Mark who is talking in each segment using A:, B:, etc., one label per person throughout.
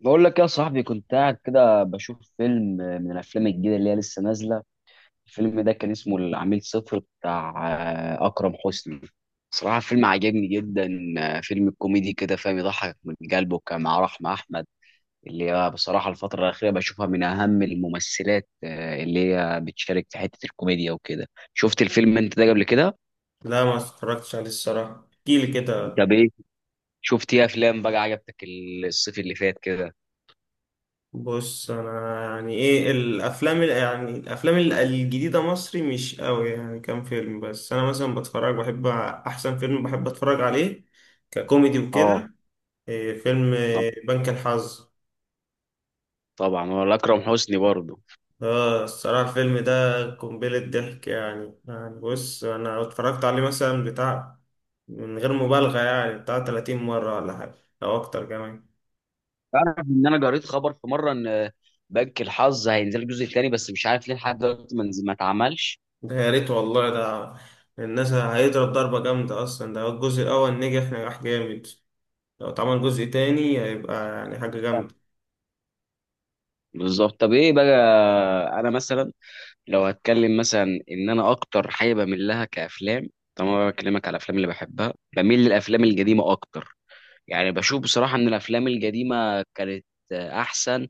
A: بقول لك يا صاحبي، كنت قاعد كده بشوف فيلم من الافلام الجديده اللي هي لسه نازله. الفيلم ده كان اسمه العميل صفر بتاع اكرم حسني. صراحه فيلم عجبني جدا. فيلم كوميدي كده فاهم، يضحك من قلبه، كان مع رحمه احمد اللي هي بصراحه الفتره الاخيره بشوفها من اهم الممثلات، اللي هي بتشارك في حته الكوميديا وكده. شفت الفيلم انت ده قبل كده؟
B: لا ما اتفرجتش عليه الصراحة، احكيلي كده.
A: طب ايه شفت ايه افلام بقى عجبتك الصيف اللي فات كده؟
B: بص انا يعني ايه الافلام ال- يعني الافلام الجديدة مصري مش قوي، يعني كام فيلم بس. انا مثلا بتفرج، بحب احسن فيلم بحب اتفرج عليه ككوميدي وكده.
A: اه.
B: إيه فيلم
A: آه.
B: إيه؟ بنك الحظ.
A: طبعا، ولا اكرم حسني برضه.
B: اه الصراحة الفيلم ده قنبلة ضحك، يعني بص انا اتفرجت عليه مثلا بتاع، من غير مبالغة يعني، بتاع 30 مرة ولا حاجة او اكتر كمان.
A: تعرف ان انا قريت خبر في مره ان بنك الحظ هينزل الجزء الثاني، بس مش عارف ليه لحد دلوقتي ما اتعملش.
B: ده يا ريت والله، ده الناس هيضرب ضربة جامدة، أصلا ده الجزء الأول نجح نجاح جامد، لو اتعمل جزء تاني هيبقى يعني حاجة جامدة.
A: بالظبط. طب ايه بقى، انا مثلا لو هتكلم مثلا ان انا اكتر حاجه بميل لها كافلام، طبعا أنا بكلمك على الافلام اللي بحبها، بميل للافلام القديمه اكتر. يعني بشوف بصراحه ان الافلام القديمه كانت احسن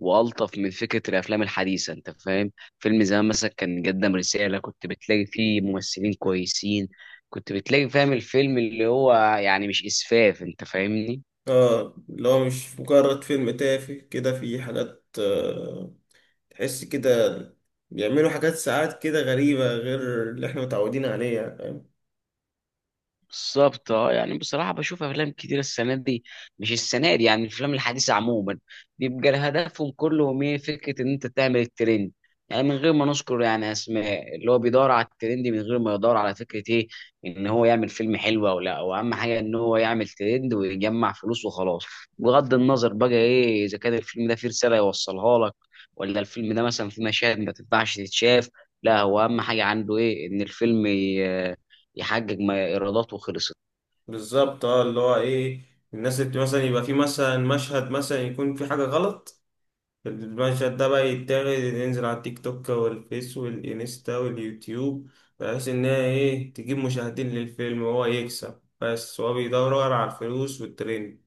A: والطف من فكره الافلام الحديثه، انت فاهم. فيلم زمان مثلا كان قدم رساله، كنت بتلاقي فيه ممثلين كويسين، كنت بتلاقي فاهم الفيلم اللي هو، يعني مش اسفاف، انت فاهمني.
B: اه اللي هو مش مجرد فيلم تافه كده، في حاجات تحس كده، بيعملوا حاجات ساعات كده غريبة غير اللي احنا متعودين عليها.
A: بالظبط. اه يعني بصراحة بشوف أفلام كتير السنة دي، مش السنة دي يعني الأفلام الحديثة عموما، بيبقى هدفهم كلهم إيه؟ فكرة إن أنت تعمل الترند. يعني من غير ما نذكر يعني أسماء، اللي هو بيدور على الترند من غير ما يدور على فكرة إيه؟ إن هو يعمل فيلم حلو أو لا. وأهم حاجة إن هو يعمل ترند ويجمع فلوس وخلاص، بغض النظر بقى إيه إذا كان الفيلم ده فيه رسالة يوصلها لك، ولا الفيلم ده مثلا فيه مشاهد ما تنفعش تتشاف. لا، هو أهم حاجة عنده إيه؟ إن الفيلم يحقق ما ايراداته وخلصت.
B: بالظبط اه، اللي هو ايه، الناس اللي مثلا يبقى في مثلا مشهد مثلا يكون في حاجة غلط، المشهد ده بقى يتاخد ينزل على التيك توك والفيس والإنستا واليوتيوب، بحيث إن هي إيه تجيب مشاهدين للفيلم وهو يكسب، بس هو بيدور على الفلوس والترند.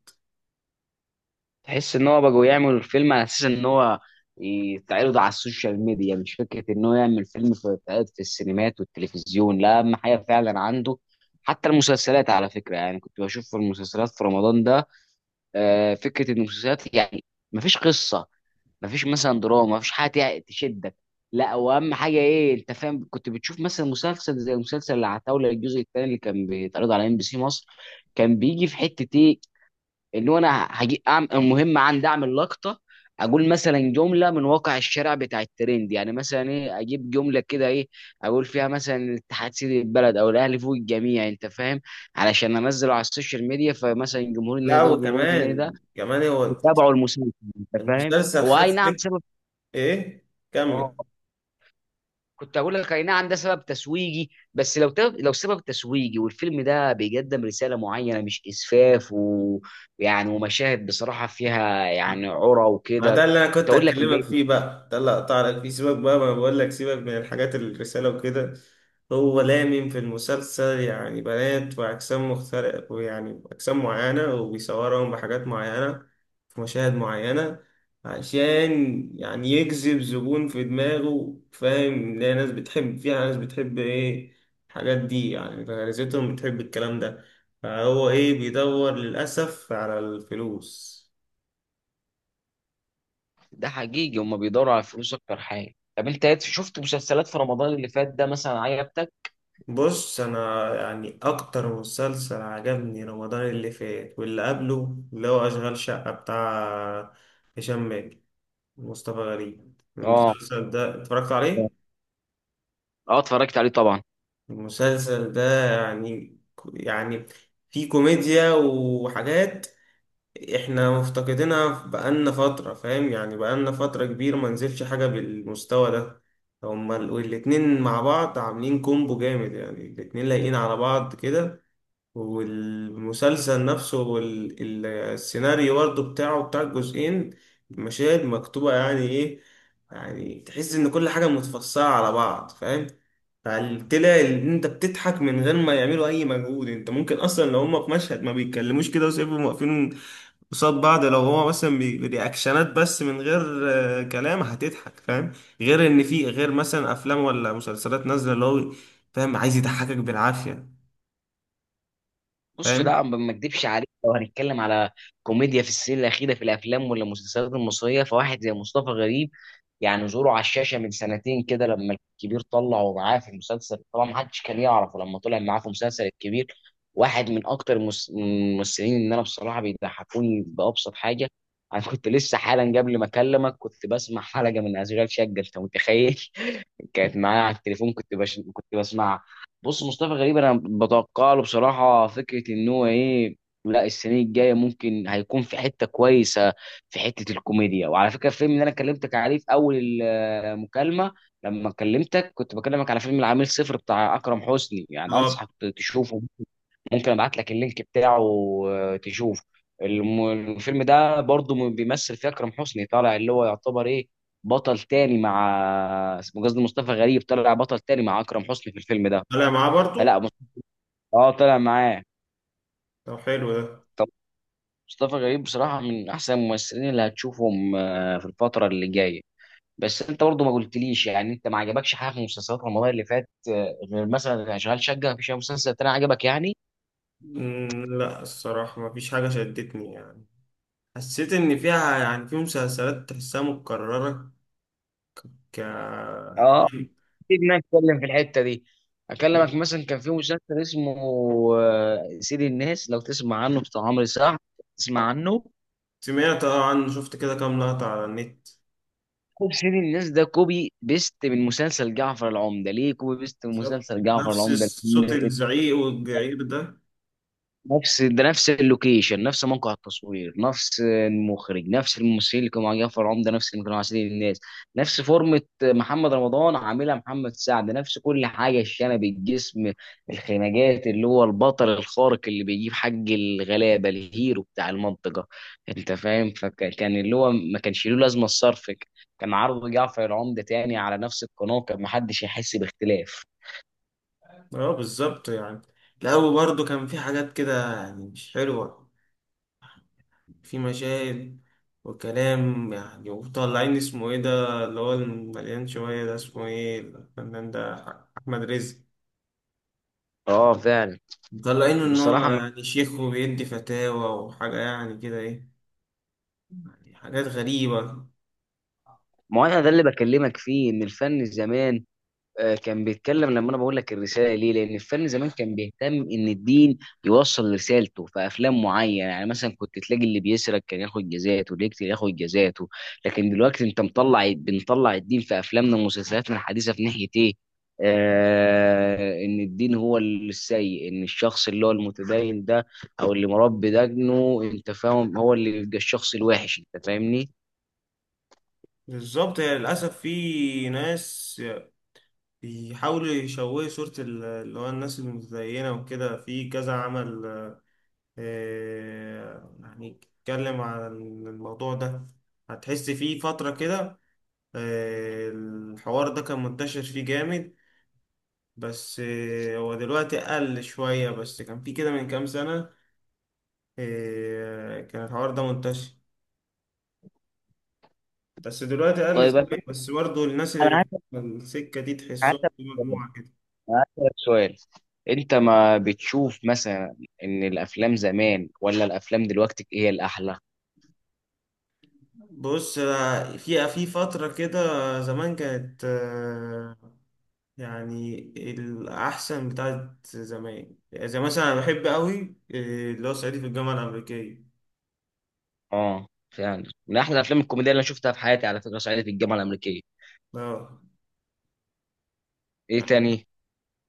A: تحس ان هو بقوا يعملوا الفيلم على اساس ان هو يتعرض على السوشيال ميديا، مش فكره ان هو يعمل فيلم في يتعرض في السينمات والتلفزيون. لا، اهم حاجه فعلا عنده. حتى المسلسلات على فكره، يعني كنت بشوف في المسلسلات في رمضان ده فكره ان المسلسلات يعني مفيش قصه، مفيش مثلا دراما، مفيش حاجه تشدك. لا، واهم حاجه ايه، انت فاهم، كنت بتشوف مثلا مسلسل زي مسلسل العتاوله الجزء الثاني اللي كان بيتعرض على ام بي سي مصر، كان بيجي في حته ايه، اللي هو انا هجي أعمل المهم عندي اعمل لقطه، اقول مثلا جمله من واقع الشارع بتاع الترند، يعني مثلا ايه، اجيب جمله كده ايه، اقول فيها مثلا الاتحاد سيد البلد، او الاهلي فوق الجميع، انت فاهم، علشان انزله على السوشيال ميديا، فمثلا جمهور النادي
B: لا،
A: ده وجمهور النادي ده
B: وكمان هو
A: يتابعوا المسلسل، انت فاهم.
B: المسلسل
A: هو
B: خد
A: اي نعم
B: سك.
A: سبب.
B: إيه،
A: اه.
B: كمل.
A: كنت هقول لك اي نعم ده سبب تسويقي، بس لو سبب تسويقي والفيلم ده بيقدم رساله معينه مش اسفاف، ويعني ومشاهد بصراحه فيها يعني عرى
B: ما
A: وكده.
B: ده اللي انا
A: كنت
B: كنت
A: اقول لك
B: هكلمك
A: ماشي.
B: فيه بقى، ده اللي هقطع لك فيه. سيبك بقى، ما بقول لك سيبك من الحاجات، الرساله وكده. هو لامم في المسلسل يعني بنات واجسام مختلفه، ويعني اجسام معينه وبيصورهم بحاجات معينه في مشاهد معينه، عشان يعني يجذب زبون في دماغه، فاهم؟ لا ناس بتحب فيها، ناس بتحب ايه الحاجات دي، يعني غريزتهم بتحب الكلام ده. فهو ايه، بيدور للاسف على الفلوس.
A: ده حقيقي، هم بيدوروا على الفلوس اكتر حاجه. طب انت شفت مسلسلات في رمضان اللي فات ده مثلا عجبتك؟
B: بص انا يعني اكتر مسلسل عجبني رمضان اللي فات واللي قبله اللي هو اشغال شقة، بتاع هشام ماجد ومصطفى غريب.
A: اه.
B: المسلسل ده اتفرجت عليه.
A: اه اتفرجت عليه طبعا.
B: المسلسل ده يعني يعني فيه كوميديا وحاجات احنا مفتقدينها بقالنا فترة، فاهم؟ يعني بقالنا فترة كبيرة ما نزلش حاجة بالمستوى ده. هما الاتنين مع بعض عاملين كومبو جامد، يعني الاتنين لايقين على بعض كده، والمسلسل نفسه والسيناريو برضه بتاعه بتاع الجزئين مشاهد مكتوبة، يعني ايه، يعني تحس ان كل حاجة متفصلة على بعض، فاهم؟ فطلع ان انت بتضحك من غير ما يعملوا اي مجهود. انت ممكن اصلا لو هما في مشهد ما بيتكلموش كده وسيبهم واقفين قصاد بعض، لو هو مثلا برياكشنات بس من غير كلام، هتضحك، فاهم؟ غير ان في غير مثلا افلام ولا مسلسلات نازلة اللي هو فاهم عايز يضحكك بالعافية.
A: بص، لا ما اكدبش عليك، لو هنتكلم على كوميديا في السنين الاخيره في الافلام ولا المسلسلات المصريه، فواحد زي مصطفى غريب، يعني ظهوره على الشاشه من سنتين كده لما الكبير طلع ومعاه في المسلسل، طبعا ما حدش كان يعرفه لما طلع معاه في مسلسل الكبير، واحد من اكتر الممثلين اللي انا بصراحه بيضحكوني بابسط حاجه. انا كنت لسه حالا قبل ما اكلمك كنت بسمع حلقه من اشغال شقه، انت متخيل، كانت معايا على التليفون، كنت بسمعها. بص مصطفى غريب انا بتوقع له بصراحه فكره ان هو ايه، لا السنه الجايه ممكن هيكون في حته كويسه، في حته الكوميديا. وعلى فكره الفيلم اللي انا كلمتك عليه في اول المكالمه، لما كلمتك كنت بكلمك على فيلم العميل صفر بتاع اكرم حسني، يعني
B: فاهم.
A: انصحك تشوفه، ممكن ابعت لك اللينك بتاعه تشوفه. الم- الفيلم ده برضو بيمثل فيه اكرم حسني، طالع اللي هو يعتبر ايه، بطل تاني مع، اسمه قصدي مصطفى غريب، طلع بطل تاني مع اكرم حسني في الفيلم ده.
B: طالع معاه
A: فلا
B: برضو.
A: مص- اه طلع معاه.
B: طب حلو ده.
A: طب مصطفى غريب بصراحة من احسن الممثلين اللي هتشوفهم في الفترة اللي جاية. بس انت برضو ما قلتليش يعني، انت ما عجبكش حاجة في مسلسلات رمضان اللي فات غير مثلا شغال شقة؟ مفيش أي مسلسل تاني عجبك يعني؟
B: مم، لا الصراحة ما فيش حاجة شدتني، يعني حسيت إن فيها، يعني في مسلسلات تحسها متكررة ك
A: اه اكيد إن انا اتكلم في الحته دي، اكلمك مثلا كان في مسلسل اسمه سيد الناس، لو تسمع عنه، بتاع عمرو سعد، تسمع عنه.
B: سمعت اه عنه، شفت كده كام لقطة على النت.
A: كوب، سيد الناس ده كوبي بيست من مسلسل جعفر العمدة. ليه كوبي بيست من
B: بالظبط
A: مسلسل جعفر
B: نفس
A: العمدة؟
B: صوت الزعيق والجعير ده.
A: نفس ده، نفس اللوكيشن، نفس موقع التصوير، نفس المخرج، نفس الممثلين اللي كانوا مع جعفر عمده نفس اللي كانوا مع سيد الناس، نفس فورمة محمد رمضان عاملها محمد سعد، نفس كل حاجة، الشنب، الجسم، الخناجات، اللي هو البطل الخارق اللي بيجيب حق الغلابة، الهيرو بتاع المنطقة، انت فاهم. فكان اللي هو ما كانش له لازمة الصرف، كان عرض جعفر العمده تاني على نفس القناة، كان محدش يحس باختلاف.
B: اه بالظبط يعني، لا وبرضه كان في حاجات كده يعني مش حلوة، في مشاهد وكلام يعني، وطالعين اسمه ايه ده اللي هو المليان شوية ده، اسمه ايه الفنان ده؟ أحمد رزق،
A: اه فعلا
B: مطلعينه إن هو
A: بصراحة.
B: يعني شيخ وبيدي فتاوى وحاجة يعني كده، إيه يعني حاجات غريبة.
A: ما هو انا ده اللي بكلمك فيه، ان الفن زمان كان بيتكلم، لما انا بقول لك الرساله ليه، لان الفن زمان كان بيهتم ان الدين يوصل رسالته في افلام معينه، يعني مثلا كنت تلاقي اللي بيسرق كان ياخد جزاته، اللي يقتل ياخد جزاته. لكن دلوقتي انت مطلع، بنطلع الدين في افلامنا ومسلسلاتنا الحديثه في ناحيه ايه، ان الدين هو السيء، ان الشخص اللي هو المتدين ده او اللي مربي دجنه، انت فاهم، هو اللي يبقى الشخص الوحش، انت فاهمني.
B: بالظبط، يعني للأسف في ناس بيحاولوا يشوهوا صورة اللي هو الناس المتدينة وكده في كذا عمل. يعني اتكلم عن الموضوع ده، هتحس في فترة كده الحوار ده كان منتشر فيه جامد، بس هو دلوقتي قل شوية، بس كان فيه كده من كام سنة كان الحوار ده منتشر، بس دلوقتي قل
A: طيب انا
B: شوية، بس برضه الناس
A: على
B: اللي في
A: حسب
B: السكة دي
A: على
B: تحسهم
A: حسب
B: في مجموعة كده.
A: هسألك سؤال، انت ما بتشوف مثلا ان الافلام زمان ولا الافلام دلوقتي هي الاحلى؟
B: بص في فترة كده زمان كانت يعني الأحسن بتاعت زمان، زي مثلا أنا بحب أوي اللي هو صعيدي في الجامعة الأمريكية.
A: اه فعلا، من احلى الافلام الكوميديه اللي انا شفتها في حياتي على فكره صعيدي في الجامعه الامريكيه.
B: اه،
A: ايه تاني؟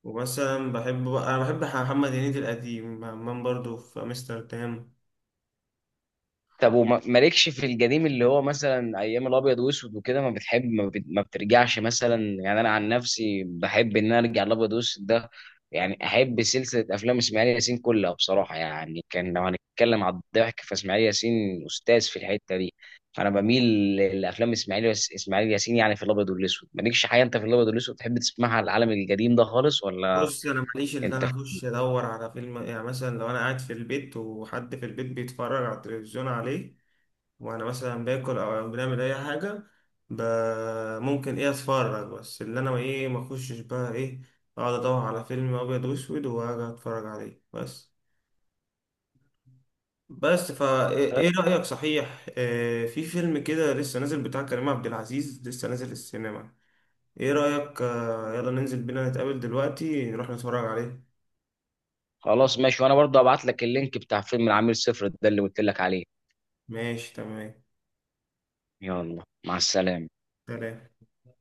B: ومثلا بحب بقى، أنا بحب محمد هنيدي القديم، همام برضو في أمستردام.
A: طب مالكش في القديم، اللي هو مثلا ايام الابيض واسود وكده، ما بتحب، ما بترجعش مثلا؟ يعني انا عن نفسي بحب ان انا ارجع الابيض واسود ده، يعني احب سلسله افلام اسماعيل ياسين كلها بصراحه، يعني كان لو هنتكلم على الضحك فاسماعيل ياسين استاذ في الحته دي. انا بميل لافلام اسماعيل ياسين، يعني في الابيض والاسود مالكش حاجه انت في الابيض والاسود تحب تسمعها على العالم القديم ده خالص، ولا؟
B: بص أنا ماليش، اللي
A: انت
B: أنا
A: في...
B: أخش أدور على فيلم، يعني مثلا لو أنا قاعد في البيت وحد في البيت بيتفرج على التلفزيون عليه وأنا مثلا باكل أو بنعمل أي حاجة، ب... ممكن إيه أتفرج، بس اللي أنا إيه ما أخشش بقى إيه أقعد أدور على فيلم أبيض وأسود وأقعد أتفرج عليه بس. بس فا ايه، إيه رأيك صحيح في فيلم كده لسه نازل بتاع كريم عبد العزيز لسه نازل السينما، ايه رأيك يلا ننزل بينا نتقابل دلوقتي نروح نتفرج عليه.
A: خلاص ماشي، وانا برضه هبعت لك اللينك بتاع فيلم العميل صفر ده اللي قلت لك عليه.
B: ماشي تمام.
A: يلا، مع السلامة.
B: سلام.